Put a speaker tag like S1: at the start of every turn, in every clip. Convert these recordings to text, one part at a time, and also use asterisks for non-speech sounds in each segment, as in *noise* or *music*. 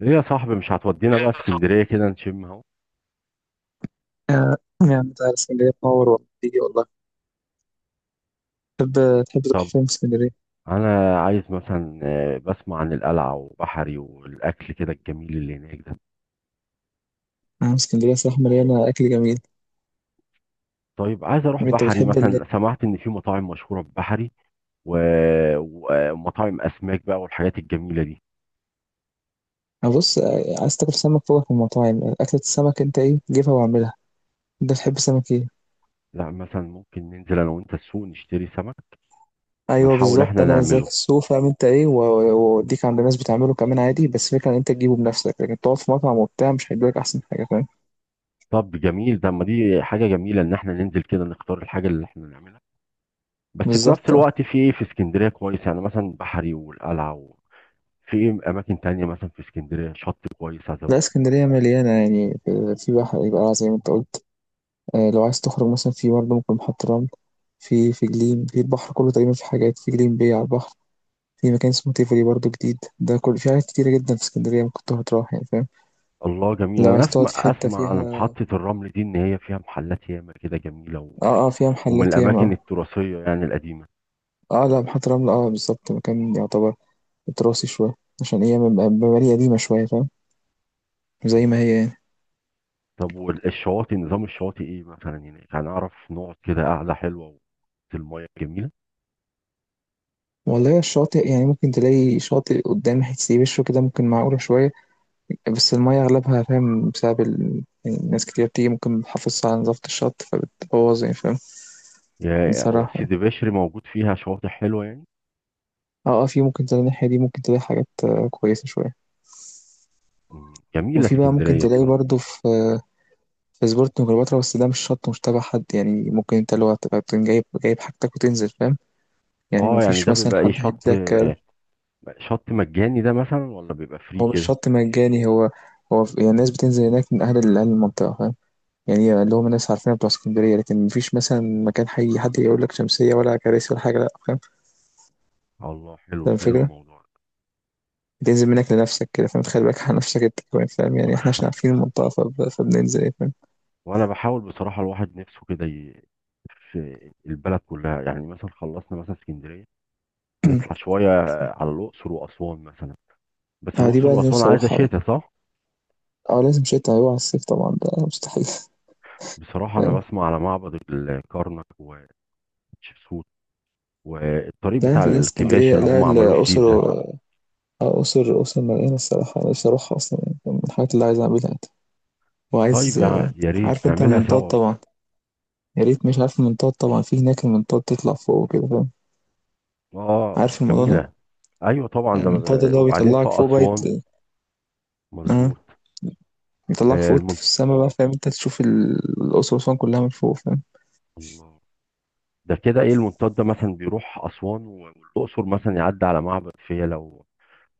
S1: ليه يا صاحبي مش هتودينا بقى اسكندرية كده نشم اهو؟
S2: آه، يعني تعالى اسكندرية تنور والله تيجي والله تحب تحب تروح
S1: طب
S2: فين في اسكندرية؟
S1: انا عايز مثلا بسمع عن القلعة وبحري والاكل كده الجميل اللي هناك ده.
S2: اسكندرية صراحة مليانة أكل جميل.
S1: طيب عايز اروح
S2: أنت
S1: بحري
S2: بتحب
S1: مثلا، سمعت ان في مطاعم مشهورة ببحري و... و- ومطاعم اسماك بقى والحاجات الجميلة دي.
S2: بص، عايز تاكل سمك؟ فوق في المطاعم أكلة السمك أنت إيه، جيبها واعملها. أنت بتحب السمك إيه؟
S1: لا مثلا ممكن ننزل انا وانت السوق نشتري سمك
S2: أيوه
S1: ونحاول
S2: بالظبط،
S1: احنا
S2: أنا زيك
S1: نعمله.
S2: السوق فاهم أنت إيه وأوديك عند ناس بتعمله كمان عادي، بس فكرة إن أنت تجيبه بنفسك، لكن تقعد في مطعم وبتاع مش هيدولك أحسن حاجة، فاهم؟
S1: طب جميل ده، ما دي حاجة جميلة ان احنا ننزل كده نختار الحاجة اللي احنا نعملها. بس في نفس
S2: بالظبط آه.
S1: الوقت في ايه في اسكندرية كويس يعني؟ مثلا بحري والقلعة، في ايه اماكن تانية مثلا في اسكندريه؟ شط كويس عايز
S2: لا
S1: اروح.
S2: اسكندرية مليانة يعني، في بحر يبقى زي ما أنت قلت. لو عايز تخرج مثلا في برضه ممكن محطة رمل، في جليم، في البحر كله تقريبا، في حاجات في جليم بي على البحر. في مكان اسمه تيفولي برضه جديد ده، كل في حاجات كتيرة جدا في اسكندرية ممكن تروح يعني، فاهم؟
S1: الله جميل،
S2: لو
S1: انا
S2: عايز تقعد
S1: اسمع
S2: في حتة
S1: اسمع على
S2: فيها،
S1: محطه الرمل دي ان هي فيها محلات ياما كده جميله، و...
S2: اه فيها
S1: ومن
S2: محلات
S1: الاماكن
S2: ياما.
S1: التراثيه يعني القديمه.
S2: اه لا، محطة رمل اه بالظبط مكان يعتبر تراثي شوية، عشان هي مباني قديمة شوية فاهم، زي ما
S1: مم.
S2: هي يعني.
S1: طب والشواطئ، نظام الشواطئ ايه مثلا هناك؟ هنعرف نقعد كده قعده حلوه وسط الميه جميله؟
S2: والله الشاطئ يعني ممكن تلاقي شاطئ قدام حتة بشر كده ممكن معقولة شوية، بس المية أغلبها فاهم، بسبب يعني ناس كتير بتيجي ممكن بتحافظ على نظافة الشط فبتبوظ، يعني فاهم.
S1: يا هو
S2: بصراحة يعني
S1: سيدي بشر موجود فيها شواطئ حلوه يعني؟
S2: اه في ممكن تلاقي الناحية دي، ممكن تلاقي حاجات كويسة شوية.
S1: مم. جميله
S2: وفي بقى ممكن
S1: اسكندريه
S2: تلاقي
S1: بصراحه.
S2: برضو في، في سبورت وكليوباترا، بس ده مش شط مش تبع حد يعني، ممكن انت اللي هو تبقى تكون جايب حاجتك وتنزل، فاهم؟ يعني
S1: اه يعني
S2: مفيش
S1: ده
S2: مثلا
S1: بيبقى ايه؟
S2: حد
S1: شط
S2: هيديلك
S1: شط مجاني ده مثلا ولا بيبقى فري
S2: هو مش
S1: كده؟
S2: شط مجاني، هو هو يعني الناس بتنزل هناك من أهل أهل المنطقة، فاهم؟ يعني اللي هم ناس عارفين بتوع اسكندرية، لكن مفيش مثلا مكان حي حد يقول لك شمسية ولا كراسي ولا حاجة، لا فاهم.
S1: الله، حلو
S2: فاهم
S1: حلو
S2: الفكرة؟
S1: الموضوع ده.
S2: بتنزل منك لنفسك كده فاهم، تخلي بالك على نفسك انت كمان فاهم، يعني احنا عشان عارفين المنطقة فبننزل ايه فاهم.
S1: وانا بحاول بصراحه، الواحد نفسه كده في البلد كلها يعني. مثلا خلصنا مثلا اسكندريه، نطلع
S2: *clears throat*
S1: شويه على الاقصر واسوان مثلا. بس
S2: اه دي
S1: الاقصر
S2: بقى اللي
S1: واسوان
S2: نفسي
S1: عايزه
S2: اروحها بقى.
S1: شتاء، صح؟
S2: اه لازم شتا، هيبقى على الصيف طبعا ده مستحيل. *laughs*
S1: بصراحه انا
S2: فاهم.
S1: بسمع على معبد الكرنك وتشيبسوت والطريق
S2: لا
S1: بتاع
S2: لا
S1: الكباش
S2: اسكندرية،
S1: اللي
S2: لا
S1: هم عملوه
S2: الأقصر.
S1: جديد ده.
S2: أقصر مليانة الصراحة، أنا نفسي أروحها أصلا يعني فاهم؟ من الحاجات اللي عايز أعملها يعني.
S1: طيب
S2: وعايز.
S1: يا ريت
S2: عارف انت
S1: نعملها
S2: المنطاد
S1: سوا بقى.
S2: طبعا؟ يا ريت، مش عارف المنطاد طبعا؟ في هناك المنطاد، تطلع فوق وكده فاهم.
S1: اه اه
S2: عارف الموضوع ده؟
S1: جميله. ايوه طبعا ده،
S2: المنطاد اللي هو
S1: وبعدين في
S2: بيطلعك فوق بقى
S1: اسوان.
S2: آه.
S1: مظبوط.
S2: يطلعك
S1: آه،
S2: فوق في السما بقى فاهم، انت تشوف الأقصر وأسوان كلها من فوق، فاهم.
S1: المنت- ده كده ايه المنطاد ده؟ مثلا بيروح اسوان و- والاقصر مثلا، يعدي على معبد فيلة و-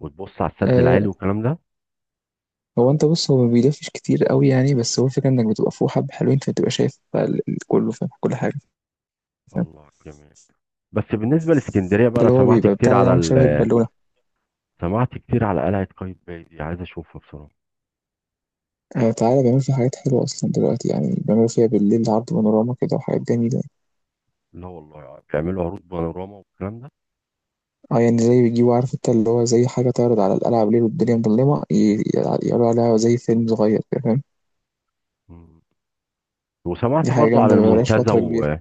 S1: وتبص على السد
S2: آه.
S1: العالي والكلام ده؟
S2: هو انت بص، هو ما بيلفش كتير قوي يعني، بس هو الفكرة انك بتبقى فوق حبة حلوين فبتبقى شايف بقى كله فاهم، كل حاجة فاهم.
S1: الله جميل. بس بالنسبه لاسكندريه بقى،
S2: ده
S1: انا
S2: اللي هو
S1: سمعت
S2: بيبقى
S1: كتير
S2: بتاع ده
S1: على
S2: عامل
S1: ال،
S2: شبه البالونة.
S1: سمعت كتير على قلعه قايتباي دي، عايز اشوفها بصراحه.
S2: آه تعالى بيعملوا فيها حاجات حلوة أصلا دلوقتي يعني، بيعملوا فيها بالليل عرض بانوراما كده وحاجات جميلة.
S1: لا والله بيعملوا عروض بانوراما والكلام ده؟
S2: اه يعني زي بيجيبوا، عارف انت اللي هو زي حاجة تعرض على القلعة بالليل والدنيا مظلمة يعرضوا عليها زي فيلم صغير كده، فاهم.
S1: مم. وسمعت
S2: دي حاجة
S1: برضو على
S2: جامدة، ما بقالهاش
S1: المنتزه
S2: فترة كبيرة.
S1: و...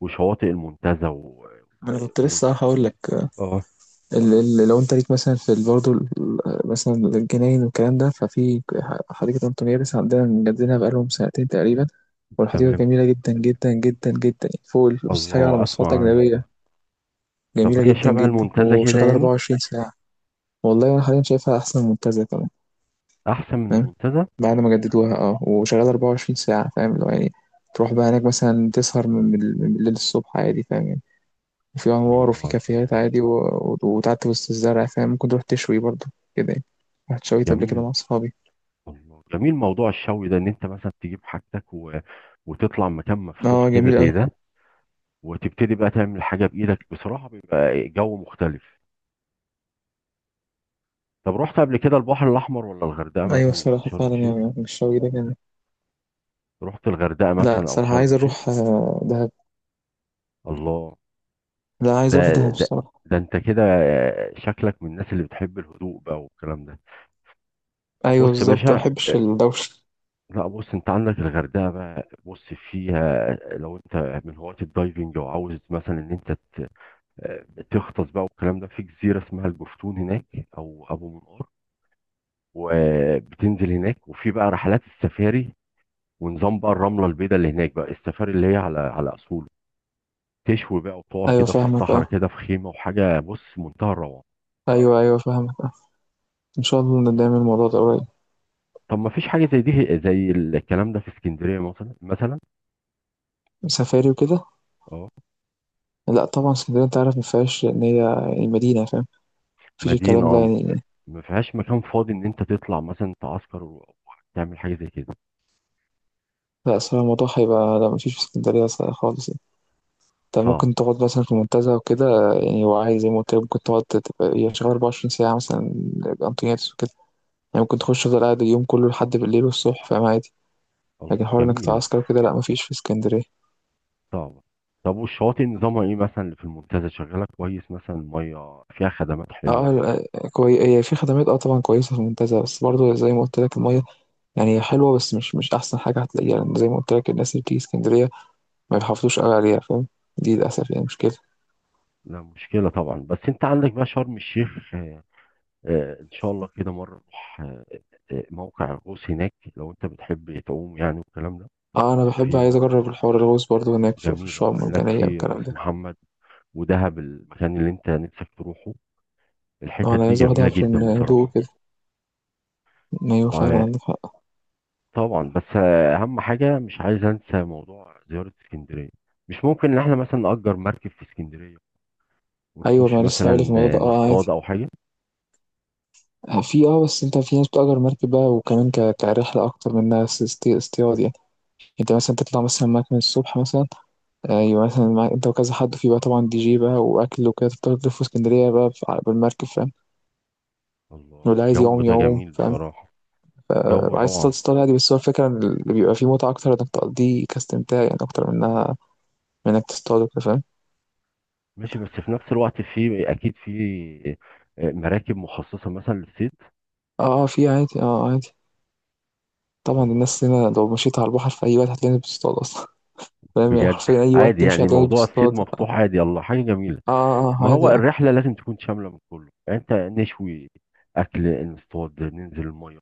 S1: وشواطئ المنتزه و... و...
S2: ما انا كنت
S1: و...
S2: لسه هقول لك.
S1: اه.
S2: ال لو انت ليك مثلا في برضه مثلا الجناين والكلام ده، ففي حديقة أنطونيادس عندنا مجددينها بقالهم سنتين تقريبا، والحديقة
S1: تمام.
S2: جميلة جدا جدا جدا جدا، فوق بص حاجة على
S1: الله
S2: مواصفات
S1: اسمع عنها.
S2: أجنبية.
S1: طب
S2: جميلة
S1: هي
S2: جدا
S1: شبه
S2: جدا،
S1: المنتزه كده
S2: وشغالة
S1: يعني؟
S2: 24 ساعة. والله أنا حاليا شايفها أحسن من المنتزه كمان،
S1: احسن من
S2: فاهم.
S1: المنتزه.
S2: بعد ما جددوها اه، وشغالة 24 ساعة فاهم، لو يعني تروح بقى هناك مثلا تسهر من الليل الصبح عادي، فاهم يعني؟ وفي انوار وفي
S1: الله
S2: كافيهات
S1: جميل.
S2: عادي وتعدي وسط الزرع فاهم، ممكن تروح تشوي برضه كده يعني. رحت شويت قبل كده
S1: جميل.
S2: مع اصحابي،
S1: الله جميل موضوع الشوي ده، ان انت مثلا تجيب حاجتك و... وتطلع مكان مفتوح
S2: اه
S1: كده
S2: جميل
S1: زي
S2: اوي.
S1: ده، وتبتدي بقى تعمل حاجه بايدك. بصراحه بيبقى جو مختلف. طب رحت قبل كده البحر الاحمر ولا الغردقه
S2: ايوه
S1: مثلا او
S2: الصراحه
S1: شرم
S2: فعلا
S1: الشيخ؟
S2: يعني الشوي ده جميل.
S1: رحت الغردقه
S2: لا
S1: مثلا او
S2: صراحه
S1: شرم
S2: عايز
S1: الشيخ؟
S2: اروح دهب.
S1: الله.
S2: لا عايز اروح
S1: ده
S2: دهب
S1: ده
S2: الصراحه.
S1: ده انت كده شكلك من الناس اللي بتحب الهدوء بقى والكلام ده.
S2: ايوه
S1: بص يا
S2: بالظبط، ما
S1: باشا،
S2: بحبش
S1: آه،
S2: الدوشه.
S1: لا بص، انت عندك الغردقه بقى، بص، فيها لو انت من هواة الدايفنج وعاوز مثلا ان انت آه، تغطس بقى والكلام ده، في جزيرة اسمها الجفتون هناك أو أبو منقار، وبتنزل هناك وفي بقى رحلات السفاري. ونظام بقى الرملة البيضاء اللي هناك بقى، السفاري اللي هي على على أصوله، تشوي بقى وتقعد
S2: ايوه
S1: كده في
S2: فاهمك
S1: الصحراء
S2: اه.
S1: كده في خيمة وحاجة، بص منتهى الروعة.
S2: ايوه فاهمك اه. ان شاء الله نعمل الموضوع ده قريب.
S1: طب ما فيش حاجة زي دي، زي الكلام ده في اسكندرية مثلا؟
S2: سفاري وكده.
S1: اه.
S2: لا طبعا اسكندريه انت عارف ما فيهاش ان هي المدينه فاهم، مفيش
S1: مدينة
S2: الكلام ده
S1: اه.
S2: يعني.
S1: ما فيهاش مكان فاضي ان انت تطلع مثلا تعسكر وتعمل حاجة زي كده؟
S2: لا صراحه الموضوع هيبقى لا، مفيش في اسكندريه خالص يعني. انت
S1: صعب.
S2: ممكن تقعد مثلا في المنتزه وكده يعني، وعايز زي ما قلت لك، ممكن تقعد تبقى هي شغاله 24 ساعه مثلا، انتونياتس وكده يعني، ممكن تخش تفضل قاعد اليوم كله لحد بالليل والصبح فاهم عادي. لكن
S1: الله
S2: حوار انك
S1: جميل.
S2: تعسكر وكده لا مفيش في اسكندريه.
S1: طبعا. طب والشواطئ نظامها ايه مثلا اللي في المنتزه؟ شغاله كويس مثلا؟ الميه فيها خدمات
S2: اه
S1: حلوه؟
S2: لا، كوي هي في خدمات اه طبعا كويسه في المنتزه، بس برضه زي ما قلت لك الميه يعني هي حلوه، بس مش احسن حاجه هتلاقيها، لان زي ما قلت لك الناس اللي بتيجي اسكندريه ما بيحافظوش قوي عليها فاهم، دي للاسف يعني مشكله.
S1: لا مشكله طبعا. بس انت عندك بقى شرم الشيخ، ان شاء الله كده مره نروح، موقع الغوص هناك، لو انت بتحب تعوم يعني والكلام ده.
S2: اه انا بحب،
S1: في
S2: عايز
S1: موقع
S2: اجرب الحوار الغوص برضه هناك، في
S1: جميل
S2: الشعاب
S1: اهو هناك
S2: المرجانيه
S1: في
S2: والكلام
S1: راس
S2: ده.
S1: محمد ودهب، المكان اللي انت نفسك تروحه.
S2: اه
S1: الحتت
S2: انا
S1: دي
S2: عايز اروح
S1: جميله
S2: دهب
S1: جدا
S2: عشان هدوء.
S1: بصراحه.
S2: ايوه فعلا
S1: وطبعا
S2: عندك حق.
S1: بس اهم حاجه مش عايز انسى موضوع زياره اسكندريه. مش ممكن ان احنا مثلا نأجر مركب في اسكندريه،
S2: ايوه
S1: ونخش
S2: ما لسه
S1: مثلا
S2: هقول لك الموضوع ده اه
S1: نصطاد
S2: عادي.
S1: او حاجه؟
S2: في اه، بس انت في ناس بتأجر مركب بقى وكمان كرحله اكتر من انها اصطياد يعني. انت مثلا تطلع مثلا معاك من الصبح مثلا، ايوه مثلا معاك انت وكذا حد في بقى طبعا دي جي بقى واكل وكده، تفضل تلف في اسكندريه بقى بالمركب فاهم.
S1: الله
S2: واللي عايز
S1: الجو
S2: يعوم
S1: ده
S2: يعوم
S1: جميل
S2: فاهم.
S1: بصراحه.
S2: ف-
S1: جو
S2: وعايز تصطاد
S1: روعه.
S2: تصطاد عادي، بس هو الفكره إن اللي بيبقى فيه متعه اكتر انك تقضيه كاستمتاع يعني، اكتر منها من انك تصطاد وكده فاهم.
S1: ماشي. بس في نفس الوقت في اكيد في مراكب مخصصه مثلا للصيد.
S2: اه في عادي اه عادي. طبعا
S1: الله.
S2: الناس هنا لو مشيت على البحر في اي وقت هتلاقي الناس بتصطاد اصلا فاهم، يعني
S1: بجد؟
S2: حرفيا أي وقت
S1: عادي
S2: تمشي
S1: يعني
S2: هتلاقيك
S1: موضوع الصيد
S2: بتصطاد.
S1: مفتوح عادي؟ الله حاجه جميله. ما
S2: عادي
S1: هو
S2: آه.
S1: الرحله لازم تكون شامله من كله يعني، انت نشوي اكل، نصطاد، ننزل الميه،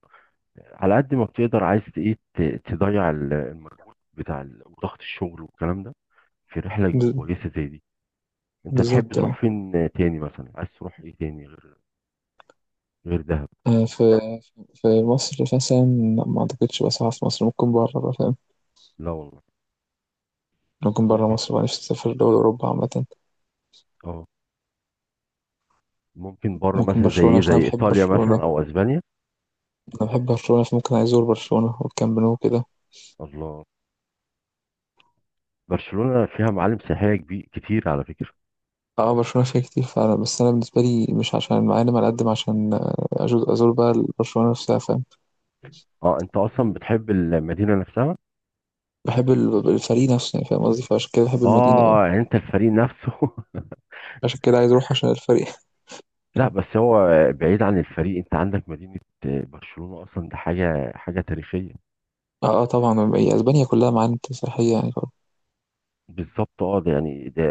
S1: على قد ما بتقدر عايز ايه، تضيع المجهود بتاع ضغط الشغل والكلام ده في رحله
S2: ب-
S1: كويسه زي دي. انت تحب
S2: بالظبط آه.
S1: تروح فين تاني مثلا؟ عايز تروح ايه تاني غير، غير دهب؟
S2: آه، في في مصر مثلا، لا، ما أعتقدش بقى ساعة في مصر، ممكن بره بقى فاهم.
S1: لا والله،
S2: ممكن بره
S1: ممكن.
S2: مصر بقى، نفسي أسافر دول أوروبا عامة.
S1: اه ممكن بره،
S2: ممكن
S1: مثلا زي
S2: برشلونة
S1: ايه؟
S2: عشان أنا
S1: زي
S2: بحب
S1: ايطاليا مثلا
S2: برشلونة.
S1: او اسبانيا؟
S2: أنا بحب برشلونة، فممكن عايز أزور برشلونة والكامب نو كده.
S1: الله. برشلونة فيها معالم سياحية كبير كتير على فكرة.
S2: اه برشلونة فيها كتير فعلا، بس أنا بالنسبة لي مش عشان معالم على قد ما عشان أزور بقى برشلونة نفسها فاهم.
S1: اه انت اصلا بتحب المدينة نفسها.
S2: بحب الفريق نفسه يعني فاهم، قصدي، فعشان كده بحب المدينة فاهم.
S1: اه يعني انت الفريق نفسه *laughs*
S2: عشان كده عايز أروح عشان الفريق.
S1: لا بس هو، بعيد عن الفريق، انت عندك مدينة برشلونة اصلا، ده حاجة تاريخية.
S2: طبعًا هي أسبانيا كلّها معالم سياحية يعني طبعًا.
S1: بالظبط اه. ده يعني ده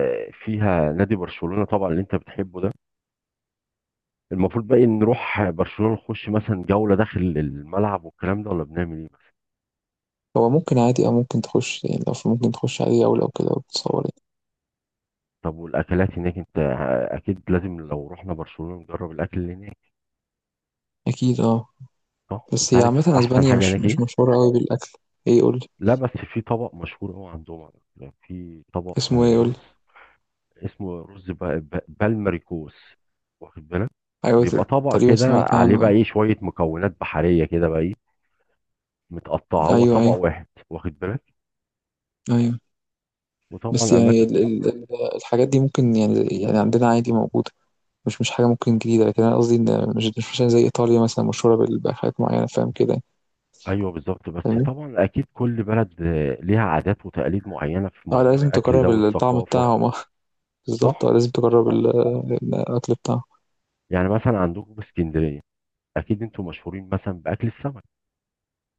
S1: فيها نادي برشلونة طبعا اللي انت بتحبه ده. المفروض بقى إن نروح برشلونة نخش مثلا جولة داخل الملعب والكلام ده، ولا بنعمل ايه؟
S2: هو ممكن عادي، أو ممكن تخُش يعني، لو ف ممكن تخُش أي دولة وكده وتتصور يعني.
S1: طب والاكلات هناك انت، اكيد لازم لو رحنا برشلونة نجرب الاكل اللي هناك،
S2: أكيد آه.
S1: صح؟
S2: بس
S1: انت
S2: هي
S1: عارف
S2: عامةً
S1: احسن
S2: أسبانيا
S1: حاجة
S2: مش
S1: هناك
S2: مش
S1: ايه؟
S2: مشهورة أوي بالأكل. إيه قُل لي.
S1: لا بس في طبق مشهور قوي عندهم على فكرة. في طبق
S2: اسمه إيه قُل لي؟
S1: رز، اسمه رز ب- ب- بالمريكوس، واخد بالك؟
S2: أيوه ت
S1: بيبقى طبق
S2: تقريبًا
S1: كده
S2: سمعت
S1: عليه
S2: عنه
S1: بقى ايه، شوية مكونات بحرية كده بقى ايه، متقطعة، هو
S2: أيوه،
S1: طبق
S2: أيوه،
S1: واحد، واخد بالك.
S2: أيوه. بس
S1: وطبعا
S2: يعني
S1: اماكن.
S2: ال الحاجات دي ممكن يعني يعني عندنا عادي موجودة، مش حاجة ممكن جديدة، لكن أنا قصدي إن مش مثلًا زي إيطاليا مثلًا مشهورة بال بحاجات معيّنة فاهم كده يعني.
S1: ايوه بالظبط. بس
S2: فاهمني؟
S1: طبعا اكيد كل بلد ليها عادات وتقاليد معينه في موضوع
S2: لازم
S1: الاكل ده
S2: تجرّب ال الطعم
S1: والثقافه،
S2: بتاعهم بالضبط
S1: صح؟
S2: لازم تجرّب ال الأكل بتاعهم.
S1: يعني مثلا عندكم في اسكندريه اكيد انتوا مشهورين مثلا باكل السمك،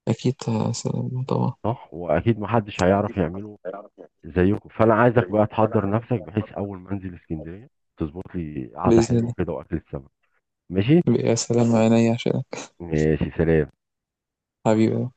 S2: أكيد آه، سلام طبعا.
S1: صح؟ واكيد محدش هيعرف يعمله زيكم، فانا عايزك بقى تحضر نفسك، بحيث اول ما انزل اسكندريه تظبط لي قعده حلوه
S2: بإذن
S1: كده واكل السمك. ماشي.
S2: الله يا سلام عينيا، عشان
S1: ماشي سلام.
S2: حبيبي.